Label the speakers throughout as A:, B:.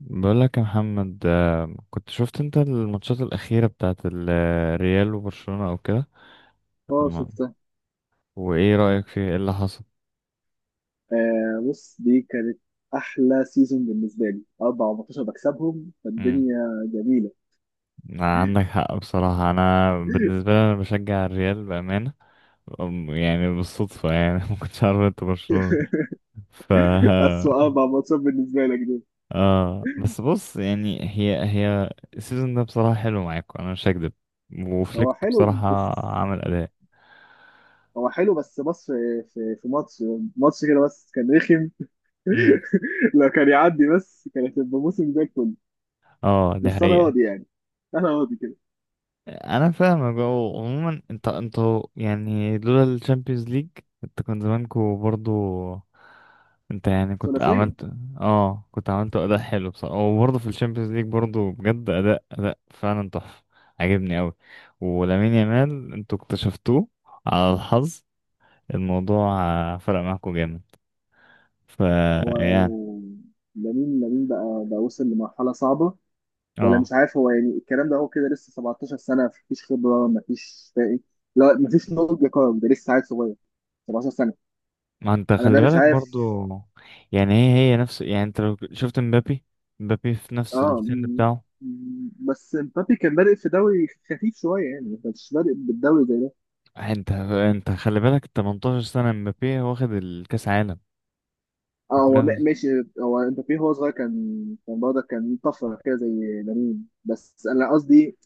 A: بقول لك يا محمد، كنت شفت انت الماتشات الأخيرة بتاعت الريال وبرشلونة او كده.
B: اه
A: الم-
B: شفتها.
A: وايه رأيك فيه، ايه اللي حصل؟
B: بص، دي كانت احلى سيزون بالنسبه لي، 4 ماتشات بكسبهم
A: امم.
B: فالدنيا جميله.
A: عندك حق، بصراحة انا بالنسبة لي انا بشجع الريال بأمانة. يعني بالصدفة يعني ما كنتش عارف انت برشلونة. ف
B: اسوء 4 ماتشات بالنسبه لك دول.
A: اه، بس بص يعني هي هي السيزون ده بصراحة حلو معاكم، انا مش هكدب،
B: هو
A: وفليك
B: حلو
A: بصراحة
B: بس.
A: عمل أداء.
B: هو حلو بس بص، في ماتش، كده بس كان رخم.
A: امم،
B: لو كان يعدي بس، كانت هتبقى موسم زي الفل.
A: اه دي
B: بس انا
A: حقيقة.
B: راضي يعني، انا راضي كده.
A: انا فاهمك، هو عموما انتوا يعني لولا الشامبيونز ليج انت كان زمانكوا برضو، انت يعني كنت
B: ثلاثيه.
A: عملت. اه، كنت عملت اداء حلو بصراحه، وبرضه في الشامبيونز ليج برضه بجد اداء فعلا تحفه، عجبني قوي. ولامين يامال انتوا اكتشفتوه على الحظ. الموضوع فرق معاكوا جامد. ف يعني،
B: هو لامين، بقى وصل لمرحله صعبه، ولا مش
A: اه.
B: عارف. هو يعني الكلام ده هو كده لسه 17 سنه، مفيش خبره، مفيش فاهم. لا، مفيش نضج يا كرم، ده لسه عيل صغير، 17 سنه.
A: ما انت
B: انا ده
A: خلي
B: مش
A: بالك
B: عارف.
A: برضو، يعني هي هي نفس، يعني انت لو شفت مبابي. مبابي في نفس
B: اه،
A: السن بتاعه،
B: بس مبابي كان بادئ في دوري خفيف شويه يعني، ما كانش بادئ بالدوري زي ده.
A: انت خلي بالك 18 سنة مبابي واخد الكأس عالم.
B: اه هو
A: بتكلم-
B: ماشي. هو مبابي هو صغير كان، برضه كان طفره كده زي لامين، بس انا قصدي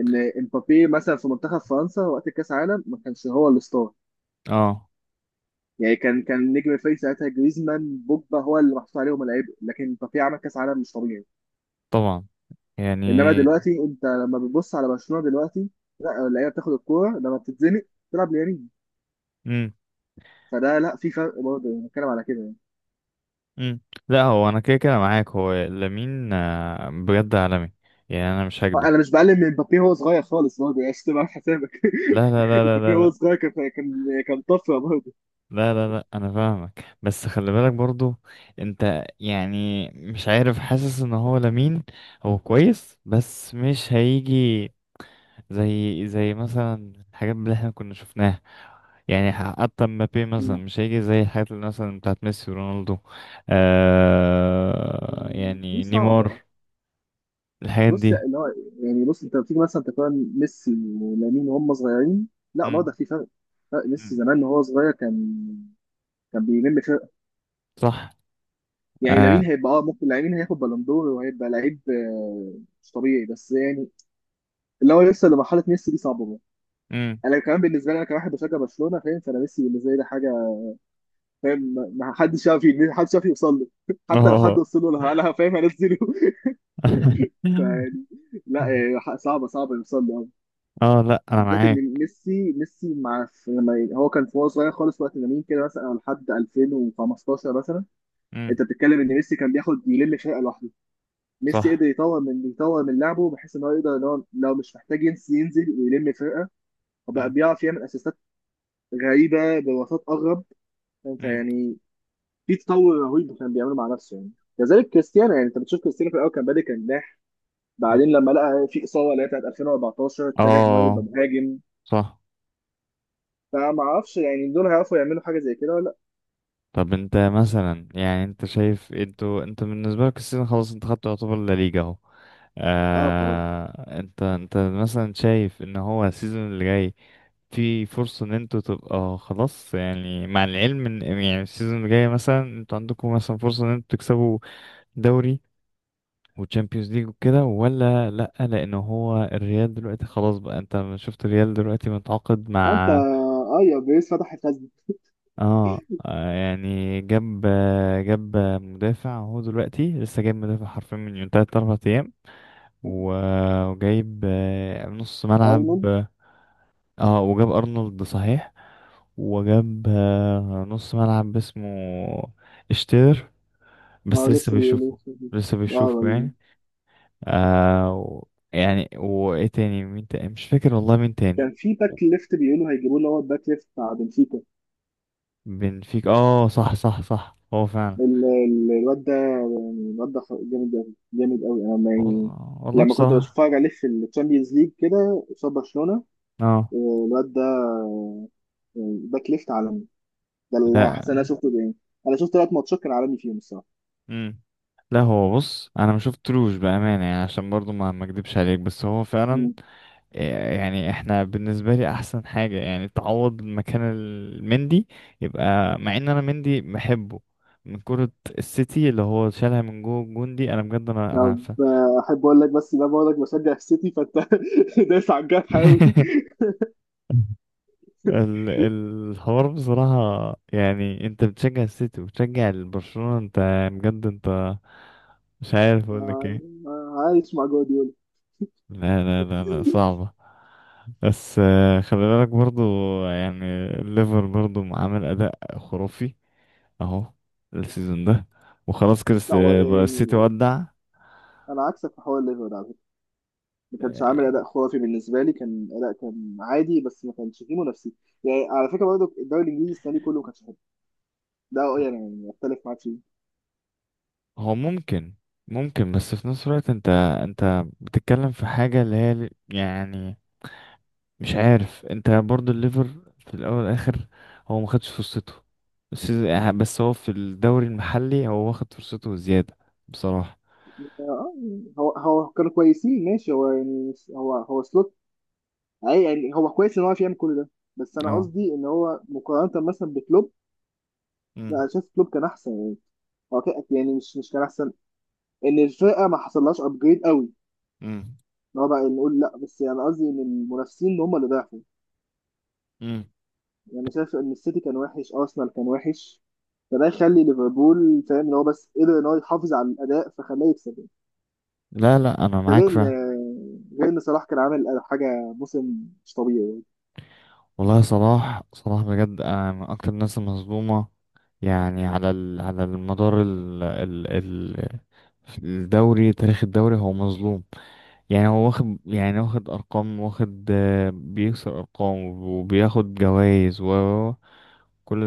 B: ان مبابي مثلا في منتخب فرنسا وقت كاس العالم ما كانش هو الستار.
A: اه،
B: يعني كان نجم الفريق ساعتها، جريزمان بوجبا هو اللي محطوط عليهم العبء، لكن بافيه عمل كاس عالم مش طبيعي.
A: طبعا يعني.
B: انما دلوقتي انت لما بتبص على برشلونه دلوقتي، لا، اللعيبه بتاخد الكوره لما بتتزنق تلعب ليمين.
A: امم،
B: فده، لا في فرق برضه، يعني بتكلم على كده يعني.
A: امم. لا، هو انا كده كده معاك، هو لامين بجد عالمي، يعني انا مش
B: آه،
A: هكدب.
B: انا مش بقلل من مبابي، هو صغير خالص برضه، يعني عشان تبقى عامل حسابك.
A: لا لا لا
B: مبابي
A: لا
B: هو
A: لا،
B: صغير كان، طفره برضه.
A: لا لا لا لا انا فاهمك، بس خلي بالك برضو. انت يعني مش عارف، حاسس ان هو لامين هو كويس بس مش هيجي زي مثلا الحاجات اللي احنا كنا شفناها. يعني حتى مبابي مثلا مش هيجي زي الحاجات اللي مثلا بتاعت ميسي ورونالدو،
B: دي
A: يعني
B: صعبه.
A: نيمار، الحاجات
B: بص
A: دي.
B: اللي هو، يعني بص انت لما تيجي مثلا تقارن ميسي ولامين وهم صغيرين، لا
A: امم،
B: برضه في فرق. فرق ميسي
A: امم،
B: زمان وهو صغير كان، كان بيلم فرق.
A: صح،
B: يعني
A: اه،
B: لامين هيبقى، اه ممكن لامين هياخد بالون دور وهيبقى لعيب، مش طبيعي، بس يعني اللي هو لسه لمرحله ميسي دي صعبه برضه.
A: امم،
B: انا كمان بالنسبه لي، انا كواحد بشجع برشلونه فاهم، فانا ميسي بالنسبه لي ده حاجه فاهم. ما حدش يعرف، ما حدش يعرف يوصل له. حتى لو
A: اه
B: حد وصل له، انا فاهم هنزله. فيعني لا، يعني صعبه، صعبه يوصل له.
A: اه. لا، انا
B: بالذات ان
A: معاك.
B: ميسي، ميسي مع في لما هو كان في وهو صغير خالص وقت لامين كده، مثلا لحد 2015 مثلا،
A: امم،
B: انت بتتكلم ان ميسي كان بياخد يلم فرقه لوحده. ميسي قدر
A: صح،
B: يطور من لعبه بحيث ان هو يقدر ان هو لو مش محتاج ينزل، ينزل ويلم فرقه، وبقى
A: امم،
B: بيعرف يعمل اسيستات غريبه بوساط اغرب، انت
A: امم،
B: يعني. في تطور رهيب كان بيعمله مع نفسه يعني. كذلك كريستيانو، يعني انت بتشوف كريستيانو في الاول كان بادئ كجناح،
A: امم.
B: بعدين لما لقى في اصابه اللي هي بتاعت 2014 اتجه ان هو يبقى
A: اه،
B: مهاجم.
A: صح.
B: فما اعرفش يعني دول هيعرفوا يعملوا حاجه زي كده ولا.
A: طب انت مثلا، يعني انت شايف انت بالنسبه لك السيزون خلاص، انت خدت يعتبر لا ليجا اهو.
B: اه خلاص.
A: انت مثلا شايف ان هو السيزون اللي جاي في فرصة ان انتوا تبقى خلاص، يعني مع العلم ان يعني السيزون اللي جاي مثلا انتوا عندكم مثلا فرصة ان انتوا تكسبوا دوري وتشامبيونز ليج وكده، ولا لأ؟ لأن هو الريال دلوقتي خلاص، بقى انت ما شفت الريال دلوقتي متعاقد
B: انت
A: مع،
B: يا بيس فتح الخزنة.
A: يعني جاب مدافع. هو دلوقتي لسه جايب مدافع حرفيا من يوم تلات أربع أيام. وجايب نص ملعب.
B: ارنولد.
A: اه، وجاب ارنولد صحيح. وجاب نص ملعب اسمه اشتير،
B: اه
A: بس لسه
B: لسه بيقولوا.
A: بيشوفه. لسه
B: اه
A: بيشوفه
B: ولا-
A: يعني. آه و- يعني وايه تاني، مين تاني؟ مش فاكر والله مين تاني.
B: كان في باك ليفت بيقولوا هيجيبوا له، هو الباك ليفت بتاع بنفيكا.
A: بنفيك، اه صح صح صح، هو فعلا.
B: الواد ده، جامد قوي جامد قوي، انا يعني
A: والله والله
B: لما كنت
A: بصراحة.
B: بتفرج عليه في الشامبيونز ليج كده قصاد برشلونة،
A: اه،
B: آه، الواد ده يعني باك ليفت عالمي. ده اللي حاسس انا
A: لا،
B: شفته يعني، انا شفت 3 ماتشات كان عالمي فيهم الصراحة.
A: امم. لا، هو بص انا ما شفتلوش بأمانة يعني، عشان برضو ما اكدبش عليك، بس هو فعلا.
B: مم.
A: يعني احنا، بالنسبة لي احسن حاجة يعني تعوض مكان المندي يبقى، مع ان انا مندي بحبه من كرة السيتي اللي هو شالها من جوه الجون دي، انا بجد انا
B: طب
A: عارفة.
B: احب اقول لك، بس ده بقول لك بشجع السيتي فانت دايس على الجرح قوي.
A: الحوار بصراحة، يعني انت بتشجع السيتي وبتشجع برشلونة، انت بجد، انت مش عارف اقول لك ايه.
B: آه، عايش مع جوارديولا.
A: لا لا لا لا، صعبة. بس خلي بالك برضو، يعني الليفر برضو عامل اداء خرافي اهو السيزون ده. وخلاص كده
B: لا هو
A: بقى السيتي
B: يعني،
A: ودع.
B: انا عكسك في حوار ليفربول على فكره. ما كانش عامل
A: آه،
B: اداء خرافي بالنسبه لي، كان اداء كان عادي بس ما كانش فيه منافسين. يعني على فكره برضه، الدوري الانجليزي السنه دي كله ما كانش حلو، ده يعني اختلف معاك فيه.
A: هو ممكن، ممكن، بس في نفس الوقت انت بتتكلم في حاجة اللي هي يعني مش عارف. انت برضو الليفر في الاول والاخر هو ما خدش فرصته. بس هو في الدوري المحلي هو واخد فرصته زيادة بصراحة.
B: آه، هو كانوا كويسين ماشي، هو يعني هو سلوت. يعني هو كويس ان هو عارف يعمل كل ده، بس انا
A: اه،
B: قصدي ان هو مقارنه مثلا بكلوب، لا
A: امم،
B: انا شايف كلوب كان احسن يعني. هو يعني مش كان احسن، ان الفرقه ما حصلهاش ابجريد قوي
A: امم،
B: اللي هو، بقى نقول لا بس يعني قصدي ان المنافسين هم اللي ضعفوا.
A: امم.
B: يعني انا شايف ان السيتي كان وحش، ارسنال كان وحش، فده يخلي ليفربول فاهم ان هو بس قدر ان هو يحافظ على الاداء فخلاه يكسب يعني.
A: لا لا، انا
B: ده
A: معاك
B: غير ان،
A: فعلا.
B: صلاح كان عامل حاجه، موسم مش طبيعي يعني.
A: والله، صلاح صلاح بجد من اكتر الناس المظلومه، يعني على المدار الدوري، تاريخ الدوري هو مظلوم. يعني هو واخد ارقام، واخد بيكسر ارقام، وبياخد جوائز وكل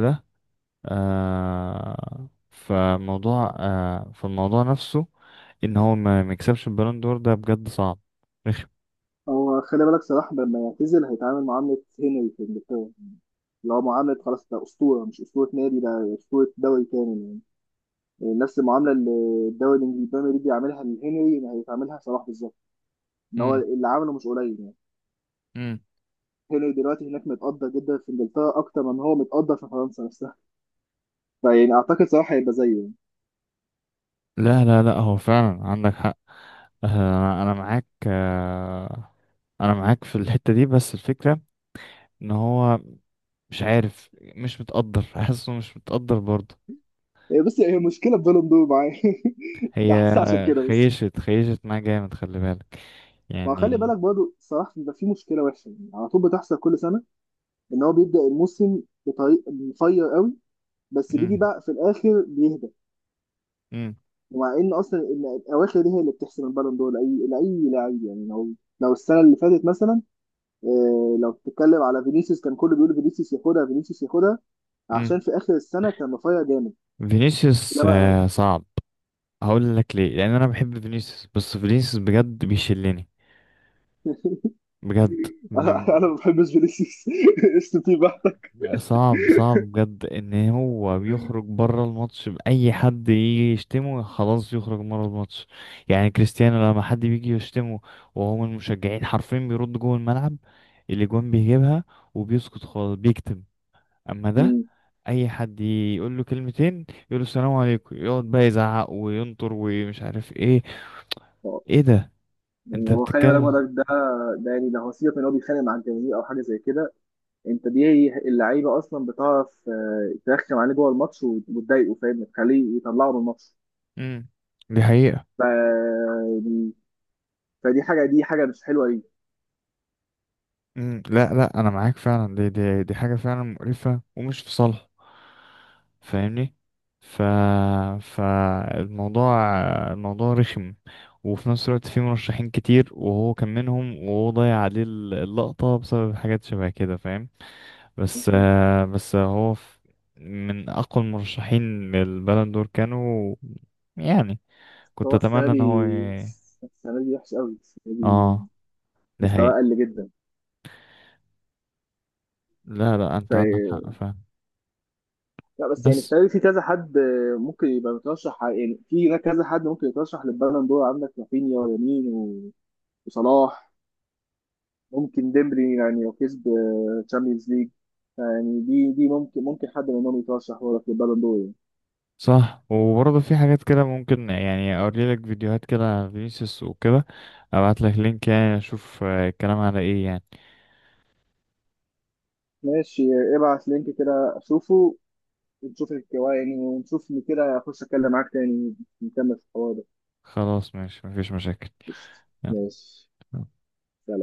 A: ده. آه فموضوع آه فالموضوع نفسه ان هو ما يكسبش البالون دور، ده بجد صعب رخم.
B: هو خلي بالك، صلاح لما يعتزل هيتعامل معامله هنري في انجلترا، اللي هو معامله خلاص، ده اسطوره، مش اسطوره نادي، ده اسطوره دوري كامل يعني. يعني نفس المعامله اللي الدوري الانجليزي البريمير ليج بيعملها لهنري هيتعاملها صلاح بالظبط، ان هو
A: امم،
B: اللي عمله مش قليل يعني.
A: امم.
B: هنري دلوقتي هناك متقدر جدا في انجلترا، اكتر من هو متقدر في فرنسا نفسها، فيعني اعتقد صلاح هيبقى زيه يعني.
A: لا لا لا، هو فعلا عندك حق. أنا معاك انا معاك في الحتة دي، بس الفكرة ان هو مش عارف، مش متقدر حاسه مش متقدر برضه.
B: إيه، بس هي مشكله في بالون دور معاه،
A: هي
B: ده حاسس عشان كده بس.
A: خيشت معاه جامد، خلي بالك
B: ما خلي
A: يعني.
B: بالك برضه، صلاح بيبقى فيه مشكله وحشه يعني على طول بتحصل كل سنه، ان هو بيبدا الموسم بطريق مفير قوي، بس بيجي
A: مم.
B: بقى في الاخر بيهدى،
A: مم.
B: ومع ان اصلا إن الاواخر دي هي اللي بتحسم البالون دور لاي لعيب يعني. لو، لو السنه اللي فاتت مثلا، إيه لو بتتكلم على فينيسيوس، كان كله بيقول فينيسيوس ياخدها فينيسيوس ياخدها،
A: مم.
B: عشان في اخر السنه كان رفيع جامد.
A: فينيسيوس
B: انما
A: صعب. هقول لك ليه، لان انا بحب فينيسيوس بس فينيسيوس بجد بيشلني بجد.
B: انا أنا ما بحبش فينيسيوس قشط فيه بحتة.
A: صعب، صعب بجد ان هو بيخرج بره الماتش. باي حد يجي يشتمه خلاص يخرج بره الماتش. يعني كريستيانو، لما حد بيجي يشتمه وهو من المشجعين حرفيا بيرد جوه الملعب اللي جون بيجيبها، وبيسكت خالص، بيكتم. اما ده،
B: مم.
A: اي حد يقول له كلمتين، يقول له السلام عليكم، يقعد بقى يزعق وينطر ومش عارف ايه.
B: هو-
A: ايه ده
B: يعني
A: انت
B: هو خلي بالك
A: بتتكلم؟
B: برضك ده، ده يعني ده هو سيبك من إن هو بيتخانق مع الجماهير او حاجه زي كده، انت دي اللعيبه اصلا بتعرف ترخم عليه جوه الماتش وتضايقه فاهم، تخليه يطلعه من الماتش.
A: امم، دي حقيقة.
B: ف يعني- فدي حاجه، دي حاجه مش حلوه ليه.
A: مم، لا لا انا معاك فعلا، دي حاجه فعلا مقرفه ومش في صالح، فاهمني. ف فالموضوع الموضوع رخم. وفي نفس الوقت في مرشحين كتير وهو كان منهم، وهو ضيع عليه اللقطه بسبب حاجات شبه كده، فاهم؟ بس
B: أنت-
A: بس هو من اقوى المرشحين للبالون دور كانوا. يعني كنت
B: هو السنه
A: اتمنى ان هو
B: دي، السنه دي وحش قوي السنه دي،
A: اه ده هي.
B: مستواه قل جدا.
A: لا لا، انت عندك حق فعلا،
B: لا بس يعني
A: بس
B: السنه دي في كذا حد ممكن يبقى مترشح يعني في هناك كذا حد ممكن يترشح للبالون دور. عندك رافينيا، ويمين وصلاح، ممكن ديمبلي يعني لو كسب تشامبيونز ليج، يعني دي ممكن، حد منهم يترشح برضه للبالون دور يعني.
A: صح. وبرضه في حاجات كده ممكن، يعني اوري لك فيديوهات كده على فينيسيوس وكده، ابعت لك لينك يعني، اشوف الكلام على ايه يعني.
B: ماشي، ابعت لينك كده اشوفه، ونشوف الكوا يعني، ونشوف إن كده اخش اتكلم معاك تاني، نكمل في الحوار ده.
A: خلاص ماشي، مفيش مشاكل.
B: قشطة.
A: يلا.
B: ماشي. سلام.